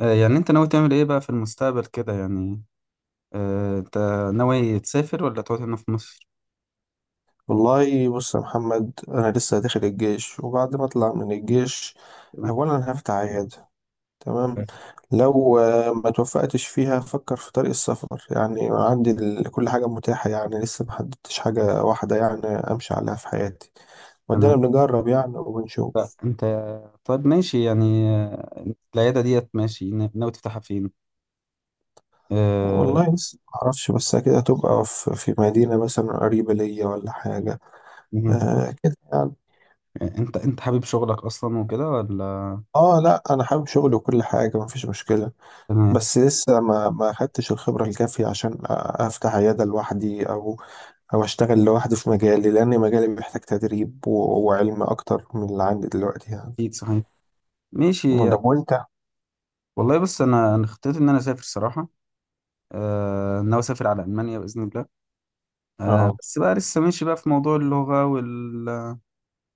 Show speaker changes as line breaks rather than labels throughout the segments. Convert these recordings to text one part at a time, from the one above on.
يعني انت ناوي تعمل ايه بقى في المستقبل كده يعني. انت ناوي تسافر ولا تقعد هنا في مصر؟
والله بص يا محمد، انا لسه داخل الجيش وبعد ما اطلع من الجيش
تمام
اولا هفتح عياده. تمام. لو ما توفقتش فيها افكر في طريق السفر، يعني عندي كل حاجه متاحه، يعني لسه ما حددتش حاجه واحده يعني امشي عليها في حياتي. ودينا
تمام.
بنجرب يعني وبنشوف.
انت طيب ماشي يعني، العيادة ديت ماشي ناوي تفتحها فين؟ آه،
والله لسه ما اعرفش، بس كده تبقى في مدينه مثلا قريبه ليا ولا حاجه.
مهم.
آه كده يعني.
انت حابب شغلك اصلا وكده ولا؟
اه لا، انا حابب شغلي وكل حاجه، مفيش مشكله.
تمام،
بس لسه ما خدتش الخبرة الكافية عشان أفتح عيادة لوحدي، أو أشتغل لوحدي في مجالي، لأن مجالي محتاج تدريب وعلم أكتر من اللي عندي دلوقتي يعني.
اكيد صحيح، ماشي
ده
يعني.
وأنت؟
والله بص انا خطيت ان انا اسافر صراحة. ناوي اسافر على المانيا باذن الله.
أه.
بس بقى لسه ماشي بقى في موضوع اللغة وال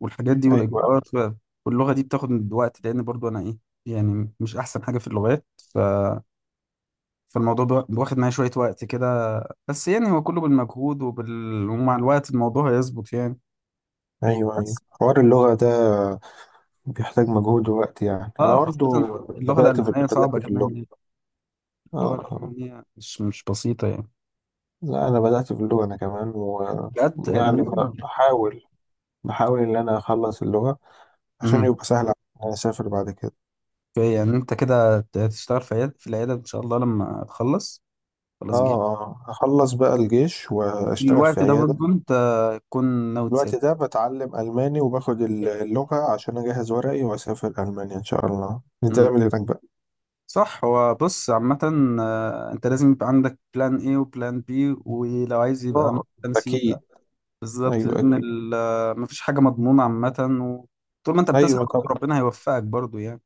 والحاجات دي
أيوه،
والاجراءات واللغه دي بتاخد من وقت لان برضو انا ايه، يعني مش احسن حاجه في اللغات. ف فالموضوع واخد معايا شويه وقت كده. بس يعني هو كله بالمجهود ومع الوقت الموضوع هيظبط يعني.
أيوه، أيوه،
بس
حوار اللغة ده بيحتاج مجهود ووقت، يعني أنا
اه، خاصه
برضه
اللغه
بدأت في
الالمانيه صعبه
بدأت في
كمان
اللغة.
يعني،
أه،
اللغه
أه،
الالمانيه مش بسيطه يعني.
لا أنا بدأت في اللغة أنا كمان.
بجد
ويعني،
المهم
بحاول بحاول إن أنا أخلص اللغة عشان
مهم.
يبقى سهل عليا إن أنا أسافر بعد كده.
في- يعني انت كده تشتغل في عيادة في العياده ان شاء الله لما تخلص، خلاص جيت
اه، اه، اخلص بقى الجيش واشتغل في
الوقت ده
عيادة.
برضو انت تكون
في
ناوي
الوقت
تسافر.
ده بتعلم الماني وباخد اللغة عشان اجهز ورقي واسافر المانيا ان شاء الله، نتعامل هناك بقى.
صح، هو بص عامة، انت لازم يبقى عندك بلان ايه وبلان بي، ولو عايز يبقى عندك
اه
بلان سي
اكيد.
بقى. بالظبط
ايوه
لان
اكيد.
مفيش حاجة مضمونة عامة. وطول ما انت بتسعى
ايوه طبعا.
برضه ربنا هيوفقك برضه يعني.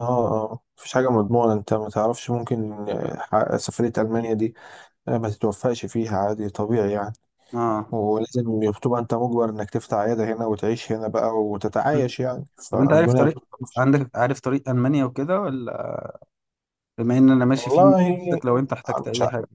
اه، اه، مفيش حاجة مضمونة، انت ما تعرفش، ممكن سفرية المانيا دي ما تتوفقش فيها، عادي طبيعي يعني.
اه،
ولازم بتبقى انت مجبر انك تفتح عيادة هنا وتعيش هنا بقى
مم.
وتتعايش يعني.
طب انت عارف
فالدنيا
طريق،
بتطلعش.
عندك عارف طريق المانيا وكده ولا؟ بما ان انا ماشي فيه
والله
ممكن لو انت احتجت
مش
اي حاجة.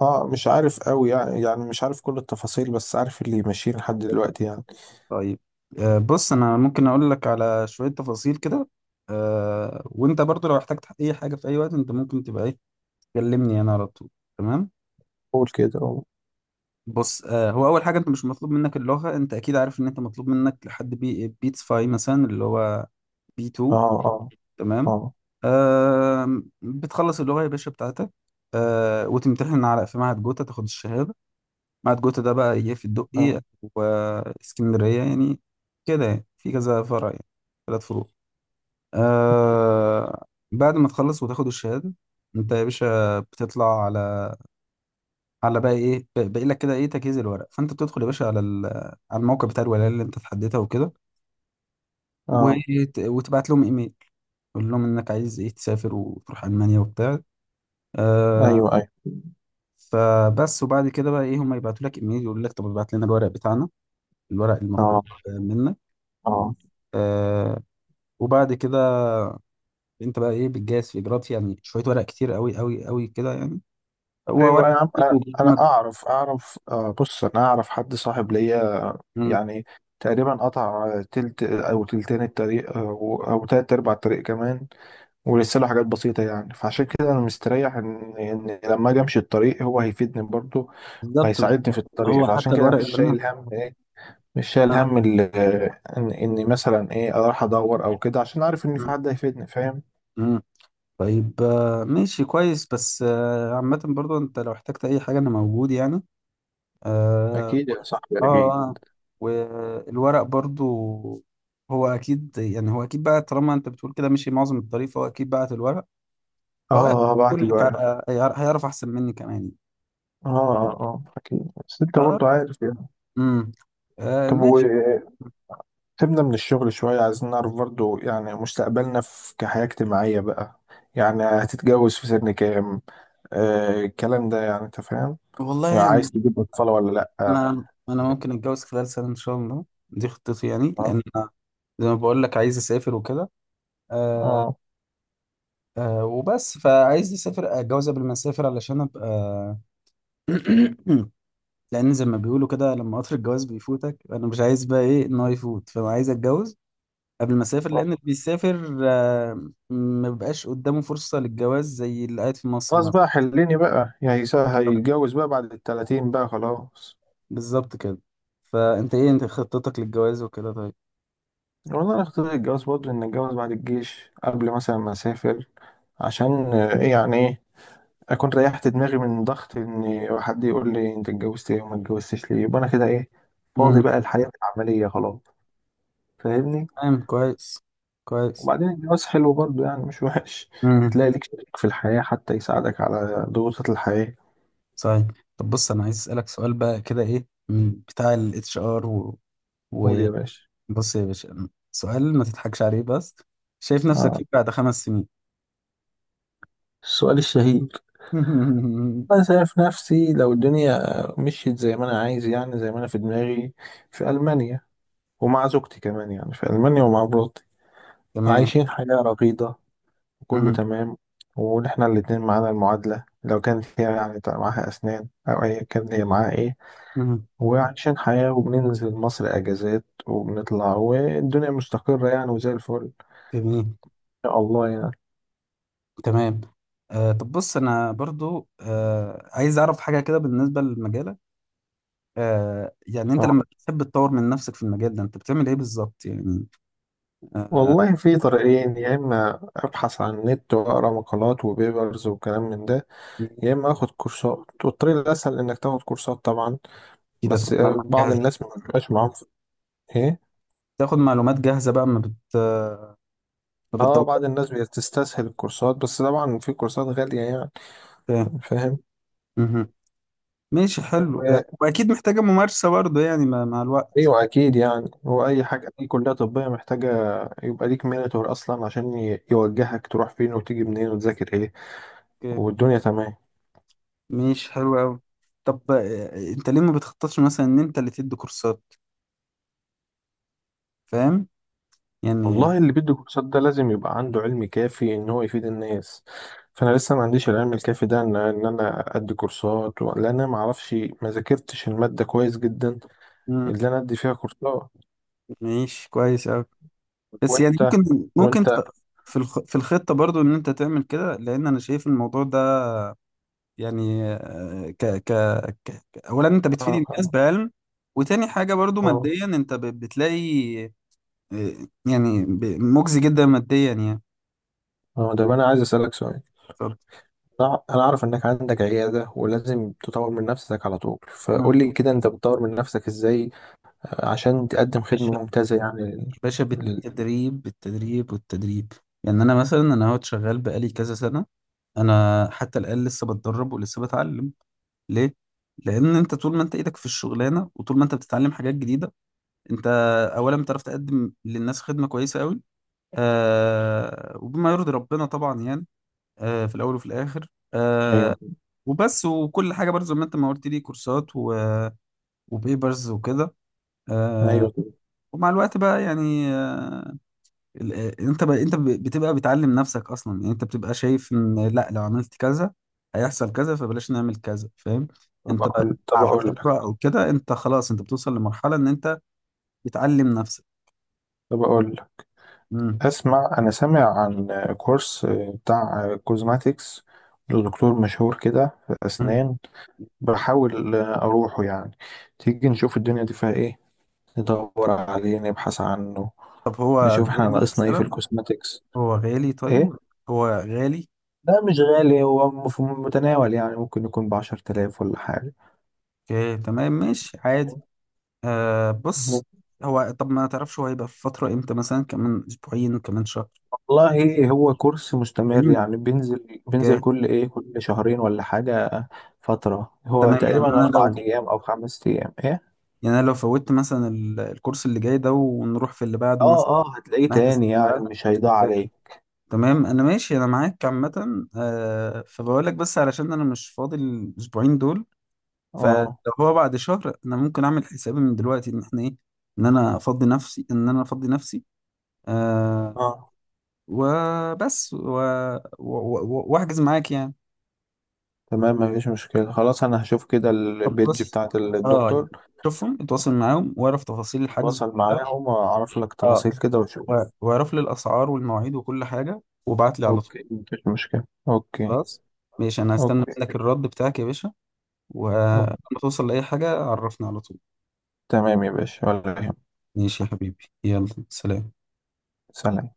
اه مش عارف قوي يعني مش عارف كل التفاصيل، بس عارف اللي ماشيين لحد دلوقتي يعني.
طيب، بص انا ممكن اقول لك على شوية تفاصيل كده. وانت برضه لو احتجت اي حاجة في اي وقت انت ممكن تبقى ايه، تكلمني انا على طول. تمام.
قول كده، قول.
بص آه، هو اول حاجه انت مش مطلوب منك اللغه، انت اكيد عارف ان انت مطلوب منك لحد بي بيتس فاي مثلا، اللي هو بي
اه،
2.
اه،
تمام.
اه،
بتخلص اللغه يا باشا بتاعتك. وتمتحن على في معهد جوتا، تاخد الشهاده. معهد جوتا ده بقى ايه، في الدقي
اه،
واسكندريه يعني، كده يعني في كذا فرع يعني، ثلاث فروع. آه، بعد ما تخلص وتاخد الشهاده انت يا باشا بتطلع على على بقى ايه، باقي لك كده ايه تجهيز الورق. فانت بتدخل يا باشا على على الموقع بتاع الولايه اللي انت تحددها وكده،
اه،
وتبعت لهم ايميل. قول لهم انك عايز ايه، تسافر وتروح المانيا وبتاع. آه،
ايوه، ايوه،
فبس. وبعد كده بقى ايه، هم يبعتوا لك ايميل يقول لك طب ابعت لنا الورق بتاعنا، الورق المطلوب
اه،
منك.
اه،
آه، وبعد كده انت بقى ايه بتجهز في اجراءات، يعني شويه ورق كتير قوي قوي قوي كده يعني. هو
ايوه
ورق
يا عم،
كتير
انا اعرف بص، انا اعرف حد صاحب ليا،
مم،
يعني تقريبا قطع تلت او تلتين الطريق او تلت ارباع الطريق كمان، ولسه له حاجات بسيطه يعني. فعشان كده انا مستريح ان لما اجي امشي الطريق هو هيفيدني برضه
بالظبط.
وهيساعدني في الطريق،
هو
فعشان
حتى
كده
الورق
مش
اللي انا
شايل هم ايه. مش شايل
آه،
هم ان اني مثلا ايه اروح ادور او كده، عشان عارف ان في
مم،
حد هيفيدني، فاهم.
مم. طيب ماشي كويس. بس عامة برضو انت لو احتجت اي حاجة انا موجود يعني. اه
اكيد يا صاحبي
اه،
اكيد.
آه. والورق برضو، هو اكيد يعني، هو اكيد بقى طالما انت بتقول كده مشي معظم الطريق فهو اكيد بعت الورق. فهو
اه، اه، بعت
يقول لك
الورق، اه.
هيعرف، هيعرف احسن مني كمان.
اه، اه، اكيد. بس انت
اه،
برضه عارف يعني.
امم، آه
طب
ماشي.
وسيبنا من الشغل شويه، عايزين نعرف برضه يعني مستقبلنا في كحياه اجتماعيه بقى. يعني هتتجوز في سن كام؟ الكلام ده يعني انت فاهم، يعني
والله انا،
عايز تجيب اطفال ولا لا. اه.
انا ممكن اتجوز خلال سنة ان شاء الله، دي خطتي يعني
اه.
لان أنا زي ما بقول لك عايز اسافر وكده. آه،
آه.
آه وبس. فعايز اسافر اتجوز قبل ما اسافر علشان ابقى لان زي ما بيقولوا كده لما قطر الجواز بيفوتك انا مش عايز بقى ايه ان هو يفوت. فانا عايز اتجوز قبل ما اسافر، لان اللي بيسافر آه ما بيبقاش قدامه فرصة للجواز زي اللي قاعد في مصر
خلاص
مثلا.
بقى حليني بقى، يعني هيتجوز بقى بعد الـ30 بقى، خلاص.
بالظبط كده. فانت ايه انت خطتك للجواز وكده طيب؟
والله انا اخترت الجواز برضه ان اتجوز بعد الجيش قبل مثلا ما اسافر، عشان آه، ايه يعني ايه اكون ريحت دماغي من ضغط ان حد يقول لي انت اتجوزت ايه وما اتجوزتش ليه، يبقى انا كده ايه، فاضي
امم،
بقى الحياة العملية، خلاص. فاهمني.
تمام كويس، كويس.
وبعدين الجواز حلو برضه يعني، مش وحش،
امم،
بتلاقي ليك شريك في الحياة حتى يساعدك على ضغوطات الحياة.
صحيح. طب بص انا عايز اسالك سؤال بقى كده ايه، من بتاع الاتش ار و...
قول يا باشا.
بص يا باشا سؤال ما تضحكش عليه بس، شايف نفسك
آه.
فين بعد خمس سنين؟
السؤال الشهير. انا شايف نفسي لو الدنيا مشيت زي ما انا عايز يعني، زي ما انا في دماغي، في المانيا، ومع زوجتي كمان يعني، في ألمانيا ومع مراتي،
تمام،
عايشين حياة رغيدة وكله
مهم.
تمام. ونحنا الاتنين معانا المعادلة، لو كانت هي يعني معاها أسنان أو أيا كان، هي معاها إيه،
مهم.
وعايشين حياة، وبننزل مصر أجازات وبنطلع، والدنيا مستقرة يعني، وزي الفل
جميل.
إن شاء الله يعني.
تمام. آه طب بص انا برضو آه عايز اعرف حاجه كده بالنسبه لمجالك. آه يعني انت
آه.
لما بتحب تطور من نفسك في المجال ده انت بتعمل ايه بالظبط يعني؟ آه
والله في طريقين، يا إما أبحث عن النت وأقرأ مقالات وبيبرز وكلام من ده، يا إما آخد كورسات، والطريق الأسهل إنك تاخد كورسات طبعا.
كده تاخد
بس
معلومات
بعض
جاهزه،
الناس ما بيبقاش معاهم إيه.
تاخد معلومات جاهزه بقى ما
اه، بعض
بتدورش.
الناس بتستسهل الكورسات، بس طبعا في كورسات غالية يعني،
آه،
فاهم.
مهم. ماشي حلو، آه
و-
واكيد محتاجه ممارسه برضو يعني مع الوقت.
ايوه اكيد يعني، هو اي حاجة، اي كلية طبية محتاجة يبقى ليك مينتور اصلا عشان يوجهك تروح فين وتيجي منين وتذاكر ايه، والدنيا تمام.
ماشي حلو قوي. طب انت ليه ما بتخططش مثلا ان انت اللي تدي كورسات؟ فاهم يعني؟
والله اللي بيدي كورسات ده لازم يبقى عنده علم كافي ان هو يفيد الناس، فانا لسه ما عنديش العلم الكافي ده ان ان انا ادي كورسات لان انا ما اعرفش، ما ذاكرتش المادة كويس جدا
مم،
اللي انا ادي فيها كورسات.
ماشي كويس قوي. بس يعني
وانت
ممكن
وانت
في في الخطة برضو ان انت تعمل كده لان انا شايف الموضوع ده يعني آه، ك... ك... ك... ك- اولا انت بتفيد
اه،
الناس
اه،
بعلم، وتاني حاجة برضو
آه.
ماديا انت بتلاقي يعني مجزي جدا ماديا يعني.
اه، ده انا عايز اسالك سؤال. انا عارف انك عندك عياده ولازم تطور من نفسك على طول، فقول لي كده انت بتطور من نفسك ازاي عشان تقدم
ف...
خدمه ممتازه يعني
باشا
لل...
بالتدريب، بالتدريب والتدريب يعني. انا مثلا انا اهوت شغال بقالي كذا سنه، انا حتى الان لسه بتدرب ولسه بتعلم. ليه؟ لان انت طول ما انت ايدك في الشغلانه وطول ما انت بتتعلم حاجات جديده انت اولا بتعرف تقدم للناس خدمه كويسه قوي، آه وبما يرضي ربنا طبعا يعني، آه في الاول وفي الاخر. آه
ايوه،
وبس. وكل حاجه برضه زي ما انت ما قلت لي كورسات و... وبيبرز وكده. آه
ايوه.
ومع الوقت بقى يعني انت انت بتبقى بتعلم نفسك اصلا يعني، انت بتبقى شايف ان لا لو عملت كذا هيحصل كذا فبلاش نعمل كذا، فاهم؟
طب
انت بقى
اقول طب
على
اقول
الخبرة
لك
او كده انت خلاص انت بتوصل لمرحلة ان انت بتعلم نفسك.
طب اقول لك،
مم.
اسمع. انا سامع عن كورس بتاع كوزماتيكس لدكتور مشهور كده في
مم.
اسنان، بحاول اروحه يعني، تيجي نشوف الدنيا دي فيها ايه، ندور عليه نبحث عنه،
طب هو
نشوف احنا
غالي
ناقصنا ايه في
مثلا؟
الكوزماتيكس.
هو غالي
ايه.
طيب؟ هو غالي؟
لا مش غالي، هو في المتناول يعني ممكن يكون بـ10 تلاف ولا حاجة.
اوكي تمام ماشي عادي. آه بص، هو طب ما تعرفش هو هيبقى في فترة امتى مثلا، كمان اسبوعين كمان شهر؟
والله هو كورس مستمر
فاهم؟
يعني، بينزل
اوكي
كل ايه، كل شهرين ولا حاجة. فترة هو
تمام. يعني
تقريبا
انا
أربع
لو،
أيام أو 5 أيام، ايه.
يعني انا لو فوتت مثلا الكورس اللي جاي ده ونروح في اللي بعده
اه،
مثلا،
اه، هتلاقيه
نحجز في
تاني يعني،
اللي
مش هيضيع
بعده.
عليه.
تمام انا ماشي انا معاك عامه. آه فبقول لك بس علشان انا مش فاضي الاسبوعين دول. فلو
اه،
هو بعد شهر انا ممكن اعمل حسابي من دلوقتي ان احنا ايه، ان انا افضي نفسي، ان انا افضي نفسي. آه
اه،
وبس واحجز معاك يعني.
تمام، مفيش مشكلة. خلاص أنا هشوف كده
طب
البيج
بص
بتاعت
اه يعني،
الدكتور،
شوفهم، اتواصل معاهم واعرف تفاصيل الحجز
أتواصل
كلها.
معاهم وأعرف لك
اه
تفاصيل كده وأشوف.
واعرف لي الاسعار والمواعيد وكل حاجه وابعت لي على طول.
أوكي مفيش مشكلة. أوكي.
خلاص ماشي، انا هستنى
أوكي.
منك الرد بتاعك يا باشا. ولما
أوكي.
توصل لاي حاجه عرفني على طول.
تمام يا باشا، ولا يهمك.
ماشي يا حبيبي، يلا سلام.
سلام.